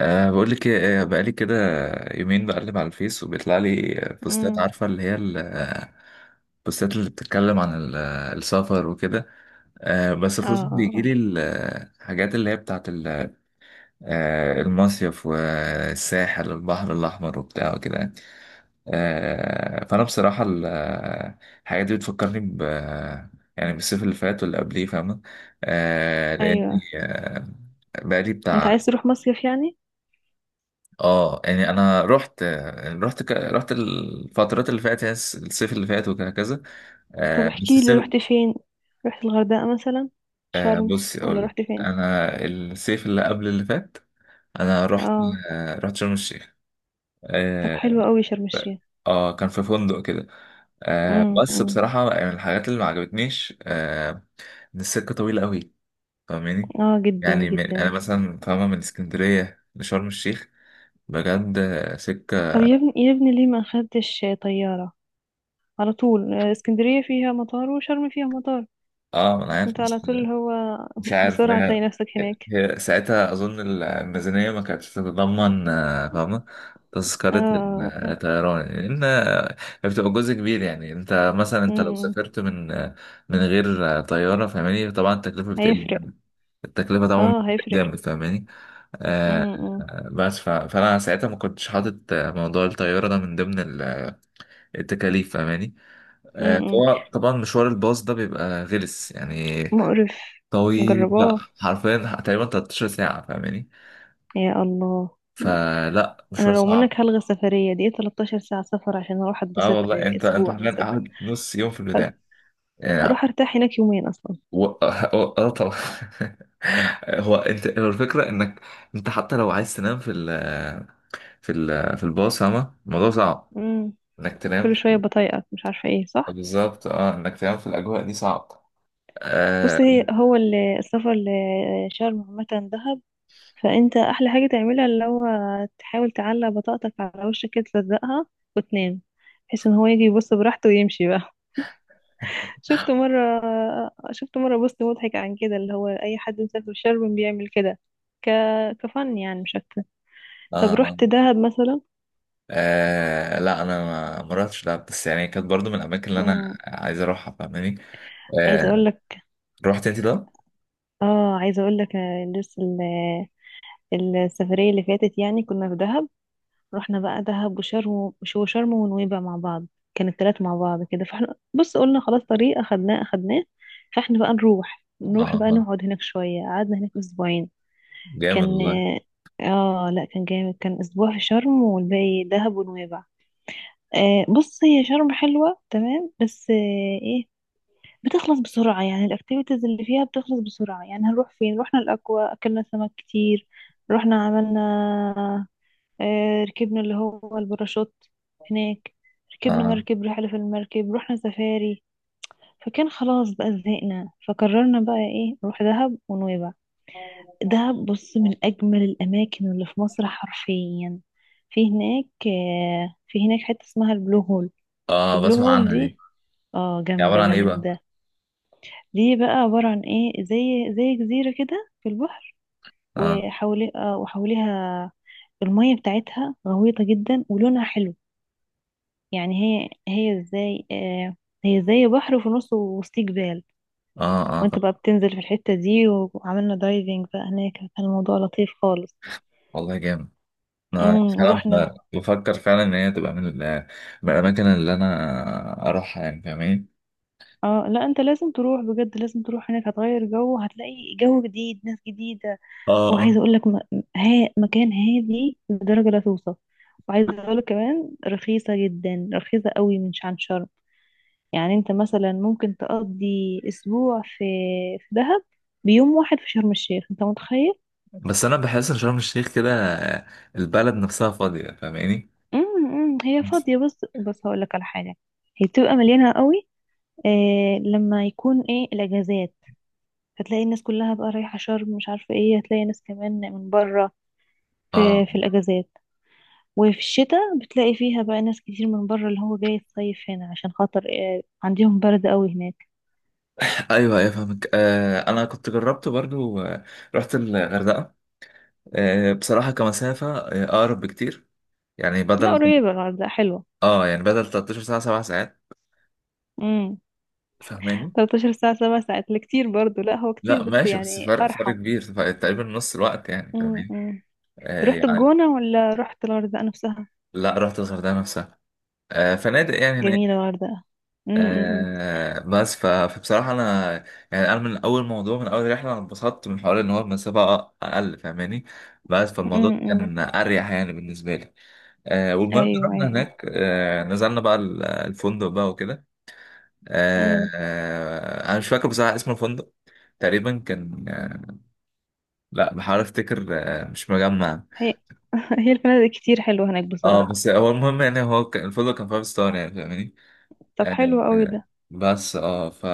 بقول لك إيه، بقالي كده يومين بقلب على الفيس وبيطلع لي بوستات امم. عارفة اللي هي ال- آه، البوستات اللي بتتكلم عن السفر وكده. بس اه. خصوصا اه. بيجي اه. لي الحاجات اللي هي بتاعت المصيف والساحل والبحر الأحمر وبتاع وكده يعني. فأنا بصراحة الحاجات دي بتفكرني يعني بالصيف اللي فات واللي قبليه، فاهمة؟ أه ايوه. لأني آه، بقالي انت بتاع. عايز تروح مصيف يعني؟ اه يعني انا رحت الفترات اللي فاتت، يعني الصيف اللي فات وكذا. طب آه بس احكي لي، الصيف رحت فين؟ رحت الغردقة مثلا؟ آه شرم؟ بصي ولا اقول لك. رحت فين؟ انا الصيف اللي قبل اللي فات انا رحت، اه. رحت شرم الشيخ. طب آه حلو قوي شرم الشيخ. اه كان في فندق كده. امم. بس أمم. بصراحة يعني من الحاجات اللي ما عجبتنيش ان السكة طويلة قوي، فاهماني؟ اه، جدا انا جدا. مثلا فاهمة من اسكندرية لشرم الشيخ بجد طب سكة. يا ابني يا ابني، ليه ما خدتش طيارة على طول؟ اسكندرية فيها مطار وشرم فيها مطار، اه انا عارف انت على بس طول هو مش عارف بسرعة تلاقي يعني. نفسك هناك. هي ساعتها أظن الميزانية ما كانتش تتضمن فاهمة، تذكرة اه. الطيران، لأن بتبقى جزء كبير. يعني أنت مثلا أنت لو امم. سافرت من غير طيارة، فاهماني؟ طبعا التكلفة بتقل هيفرق. جامد. التكلفة طبعا اه، بتقل هيفرق. جامد، فاهماني؟ آه، امم. أمم. بس فأنا ساعتها ما كنتش حاطط موضوع الطيارة ده من ضمن التكاليف، فاهماني؟ أمم. فهو طبعا مشوار الباص ده بيبقى غلس يعني، مقرف. طويل بقى مجرباه. حرفيا تقريبا 13 ساعة، فاهماني؟ يا الله. فلا، مشوار انا لو منك صعب. هلغي السفريه دي، 13 ساعه سفر عشان اروح اه اتبسط والله انت اسبوع حرفيا مثلا؟ قاعد نص يوم في البداية يعني. هروح ارتاح هناك يومين اصلا. و... اه آه طبعا. هو انت هو الفكرة انك انت حتى لو عايز تنام في في الباص، فاهمة؟ الموضوع صعب امم. انك تنام. كل شويه بطايقك مش عارفه ايه، صح؟ بالظبط، انك تنام في الاجواء دي صعب. آه بص، هي هو السفر لشرم عامه، دهب، فانت احلى حاجه تعملها اللي هو تحاول تعلق بطاقتك على وشك كده، تلزقها وتنام، بحيث ان هو يجي يبص براحته ويمشي بقى. شفت مره شفت مره بوست مضحك عن كده، اللي هو اي حد مسافر شرم بيعمل كده. ك كفن يعني، مش اكتر. طب آه رحت دهب مثلا؟ لا انا ما رحتش دهب، بس يعني كانت برضو من الاماكن اللي انا مم. عايز اروحها، فاهماني؟ عايزه اقول آه لك، رحت انت ده؟ اه عايزه اقول لك، لسه السفريه اللي فاتت يعني كنا في دهب. رحنا بقى دهب وشرم شرم ونويبع مع بعض، كان التلات مع بعض كده. فاحنا، بص، قلنا خلاص، طريق اخدناه اخدناه. فاحنا بقى نروح، بقى اه نقعد هناك شويه، قعدنا هناك اسبوعين. جامد كان والله. اه آه، لا، كان جامد. كان اسبوع في شرم والباقي دهب ونويبع. بص، هي شرم حلوه تمام، بس ايه، بتخلص بسرعة، يعني الأكتيفيتيز اللي فيها بتخلص بسرعة. يعني هنروح فين؟ رحنا الأكوا، أكلنا سمك كتير، رحنا عملنا، ركبنا اللي هو الباراشوت هناك، ركبنا اه مركب، رحلة في المركب، رحنا سفاري. فكان خلاص بقى، زهقنا، فقررنا بقى ايه، نروح دهب ونويبع. دهب بص من أجمل الأماكن اللي في مصر حرفيا. في هناك حتة اسمها البلو هول. اه البلو بسمع هول عنها دي دي. اه، هي عبارة جامدة عن ايه بقى؟ جامدة. دي بقى عبارة عن ايه، زي جزيرة كده في البحر، اه وحولي آه، وحواليها المية بتاعتها غويطة جدا ولونها حلو يعني. هي هي زي آه، هي زي بحر وفي نصه وسط جبال، اه وانت طب بقى بتنزل في الحتة دي، وعملنا دايفنج بقى هناك، كان الموضوع لطيف خالص. والله جامد. انا امم، فعلا ورحنا. بفكر فعلا ان هي تبقى من من الاماكن اللي انا اروحها يعني، فاهماني؟ اه لا، انت لازم تروح بجد، لازم تروح هناك، هتغير جو، هتلاقي جو جديد، ناس جديدة. اه وعايزه اه اقول لك، مكان هادي لدرجه لا توصف. وعايزه اقول لك كمان، رخيصه جدا، رخيصه قوي عن شرم. يعني انت مثلا ممكن تقضي اسبوع في دهب بيوم واحد في شرم الشيخ، انت متخيل؟ بس انا بحس ان شرم الشيخ كده البلد نفسها فاضية، فاهماني؟ امم، هي بس. فاضيه بس، هقول لك على حاجه. هي بتبقى مليانه قوي لما يكون ايه الاجازات، فتلاقي الناس كلها بقى رايحه شرم، مش عارفه ايه، هتلاقي ناس كمان من بره اه في الاجازات. وفي الشتاء بتلاقي فيها بقى ناس كتير من بره، اللي هو جاي الصيف هنا عشان خاطر عندهم برد قوي هناك. ايوه ايوه فاهمك. انا كنت جربت برضو رحت الغردقه. بصراحه كمسافه اقرب بكتير، يعني لا بدل قريبة، الغردقة حلوة. اه يعني بدل 13 ساعه 7 ساعات، امم. فاهماني؟ 13 ساعة، 7 ساعات، لا كتير برضو. لا، هو كتير، لا بس ماشي، بس يعني فرق أرحم. كبير، فرق تقريبا نص الوقت يعني، امم. فاهمين؟ أمم. آه رحت يعني الجونة ولا رحت الغردقة نفسها؟ لا رحت الغردقة نفسها. فنادق يعني جميلة هناك. الغردقة. امم. أمم. بس فبصراحة أنا يعني أنا من أول موضوع، من أول رحلة أنا اتبسطت من حوار إن هو المسافة أقل، فاهماني؟ بس فالموضوع أمم. كان أريح يعني بالنسبة لي. والمهم أيوه، رحنا أيوه. هناك، نزلنا بقى الفندق بقى وكده. امم. أنا مش فاكر بصراحة اسم الفندق. تقريبا كان لا، بحاول أفتكر. مش مجمع. هي هي الفنادق كتير حلوة هناك اه بصراحة. بس هو المهم يعني هو كان الفندق كان فايف ستار يعني، فاهماني؟ طب آه، حلو قوي آه، ده. بس اه ف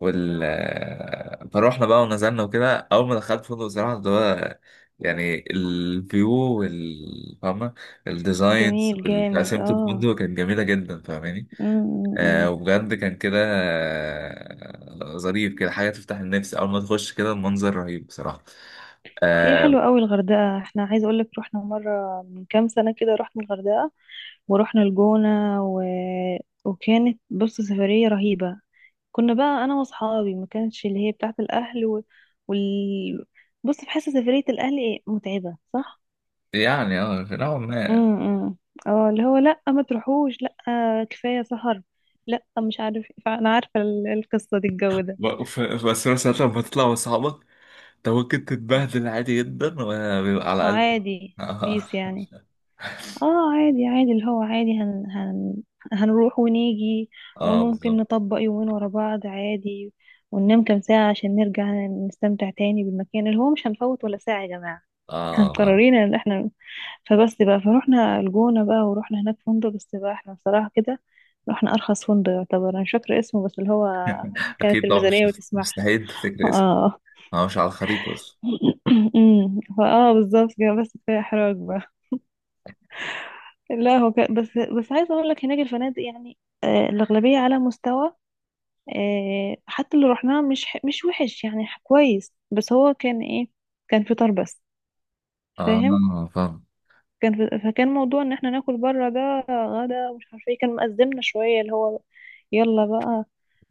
وال آه، فروحنا بقى ونزلنا وكده. اول ما دخلت الفندق صراحه، اللي هو يعني الفيو فاهمه، الديزاينز جميل جامد، وتقسيمه اه. الفندق كانت جميله جدا، فاهماني؟ امم. أمم. وبجد كان كده ظريف كده، حاجه تفتح النفس. اول ما تخش كده المنظر رهيب بصراحه. هي آه حلوة قوي الغردقة. احنا عايزة اقولك، رحنا مرة من كام سنة كده، رحنا الغردقة ورحنا الجونة. و... وكانت، بص، سفرية رهيبة. كنا بقى انا واصحابي، ما كانتش اللي هي بتاعت الاهل. و... وال بص، بحس سفرية الاهل ايه، متعبة، صح؟ يعني نوعا ما. امم. إمم. اه اللي هو لا، ما تروحوش، لا، كفاية سهر، لا، مش عارف. انا عارفة القصة دي، الجو ده بس مثلا لما تطلع مع اصحابك انت ممكن تتبهدل عادي جدا، وبيبقى على الاقل. عادي، اه بيس يعني. اه، عادي عادي، اللي هو عادي. هن هن هنروح ونيجي، اه وممكن بالظبط. نطبق يومين ورا بعض عادي، وننام كام ساعة عشان نرجع نستمتع تاني بالمكان، اللي هو مش هنفوت ولا ساعة يا جماعة. احنا اه فاهم. مقررين ان احنا. فبس بقى، فروحنا الجونة بقى، ورحنا هناك فندق، بس بقى احنا بصراحة كده رحنا أرخص فندق يعتبر. أنا مش فاكرة اسمه، بس اللي هو كانت اكيد طبعا، مش الميزانية ما تسمحش. مستحيل تفتكر اسم. اه. اه مش على الخريطه بس. أمم. فاه بالظبط كده، بس كفاية إحراج بقى. لا، هو بس عايزه اقول لك هناك الفنادق يعني، الاغلبيه على مستوى. حتى اللي رحناه، مش وحش يعني، كويس. بس هو كان ايه، كان فطار بس. فاهم؟ اه فاهم فكان موضوع ان احنا ناكل بره، ده غدا ومش عارفه ايه، كان مأزمنا شويه، اللي هو، يلا بقى،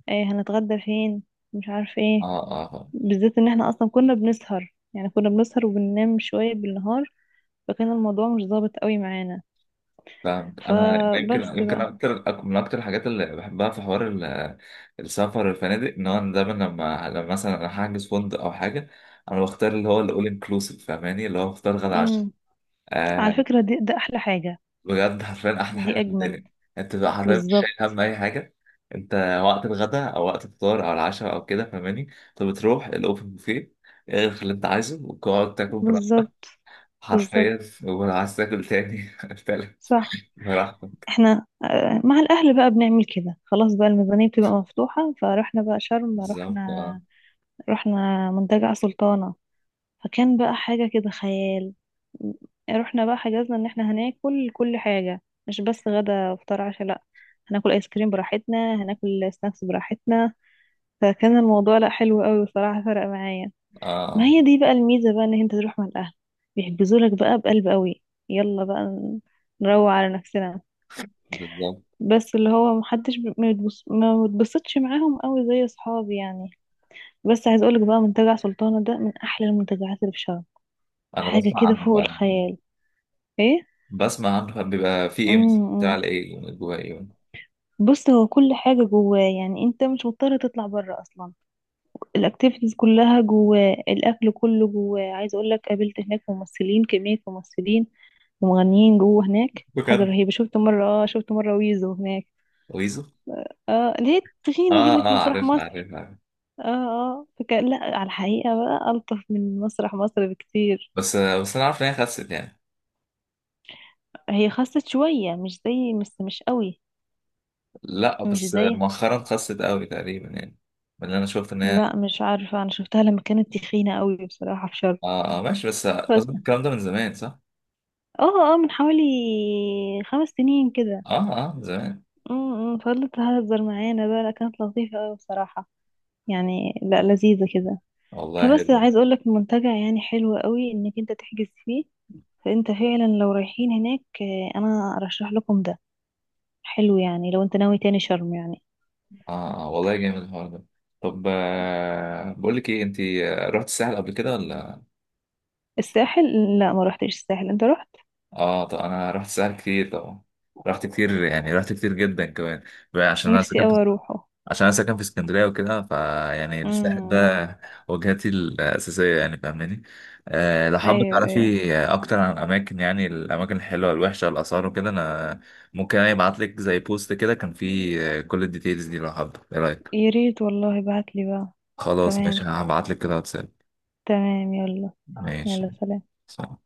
هنتغدى فين، مش عارفه اه ايه. اه فاهم. بالذات ان احنا اصلا كنا بنسهر، يعني كنا بنسهر وبننام شويه بالنهار، فكان الموضوع مش ظابط قوي معانا. فاهمك. انا أنا يمكن فبس. يمكن اكتر أك- من اكتر الحاجات اللي بحبها في حوار السفر، الفنادق ان هو أنا دايما لما مثلا انا هحجز فندق او حاجه انا بختار اللي هو الاول انكلوسيف، فاهماني؟ اللي هو بختار غدا عشاء. بقى على آه، فكرة ده أحلى حاجة. بجد حرفيا احلى حاجه دي في أجمل. الدنيا. انت بقى حرفيا مش شايل بالظبط. هم اي حاجه. انت وقت الغداء او وقت الفطار او العشاء او كده، فاهماني؟ انت بتروح الاوبن بوفيه، اخد اللي انت عايزه وتقعد تاكل براحتك. بالظبط. بالظبط، حرفيا ولو عايز تاكل تاني تالت، صح. براحتك. احنا، مع الأهل بقى بنعمل كده، خلاص بقى الميزانية بتبقى مفتوحة، فرحنا بقى شرم، بالظبط. رحنا، اه رحنا منتجع سلطانة. فكان بقى حاجة كده خيال. رحنا بقى حجزنا ان احنا هناكل كل حاجة، مش بس غدا وفطار عشاء، لا، هناكل ايس كريم براحتنا، هناكل سناكس براحتنا. فكان الموضوع، لا، حلو قوي بصراحة، فرق معايا. اه ما آه، هي دي بقى الميزة بقى، ان انت تروح مع الاهل بيحجزوا لك بقى بقلب قوي، يلا بقى نروق على نفسنا. بالظبط. بس اللي هو محدش ما بتبسطش معاهم قوي زي اصحابي يعني. بس عايز اقولك بقى منتجع سلطانة ده من احلى المنتجعات اللي في شرم، انا حاجة بسمع كده عنه فوق فعلا. الخيال. ايه. بسمع عنه فعلا. بيبى في ايه مثلا، بتاع امم. ايه جوه ايه؟ بص، هو كل حاجة جواه، يعني انت مش مضطر تطلع بره اصلا، الاكتيفيتيز كلها جواه، الاكل كله جواه. عايز اقولك قابلت هناك ممثلين، كمية ممثلين ومغنيين جوه هناك، حاجة بجد، رهيبة. شفت مرة ويزو هناك. ويزو؟ اه، اللي هي التخينة دي اللي في اه مسرح عارف مصر. عارف عارف. اه، اه، فكان لا، على الحقيقة بقى ألطف من مسرح مصر بكتير. بس بس انا عارف ان هي خست يعني. هي خست شوية، مش زي، بس مش قوي. لا مش بس زي. مؤخرا خست قوي تقريبا يعني، من اللي انا شفت ان هي. لا، مش عارفة، أنا شفتها لما كانت تخينة قوي بصراحة في شرم. ماشي، بس بس. اظن الكلام ده من زمان صح؟ اه، اه، من حوالي 5 سنين كده. اه اه من زمان. امم، فضلت تهزر معانا بقى، لا كانت لطيفة قوي بصراحة، يعني لا، لذيذة كده. والله فبس حلو. عايز اقول لك المنتجع يعني حلو قوي انك انت تحجز فيه. فانت فعلا لو رايحين هناك، انا ارشح لكم ده. حلو يعني لو انت ناوي تاني شرم يعني. والله جامد الحوار ده. طب بقول لك ايه، انت رحت الساحل قبل كده ولا؟ الساحل؟ لا، ما روحتش الساحل، انت رحت؟ اه طب انا رحت الساحل كتير طبعا، رحت كتير يعني، رحت كتير جدا كمان بقى. نفسي اوي اروحه. عشان انا ساكن في اسكندريه وكده، فيعني الساحل امم. ده وجهتي الاساسيه يعني، فاهماني؟ أه لو حابه ايوه، ايوه. تعرفي اكتر عن الاماكن، يعني الاماكن الحلوه الوحشه الاثار وكده، انا ممكن يعني ابعت لك زي بوست كده كان فيه كل الديتيلز دي لو حابه. ايه رايك؟ يا ريت والله، ابعت لي بقى. خلاص تمام. ماشي، هبعت لك كده واتساب. تمام، يلا. ماشي، يلا، سلام. سلام.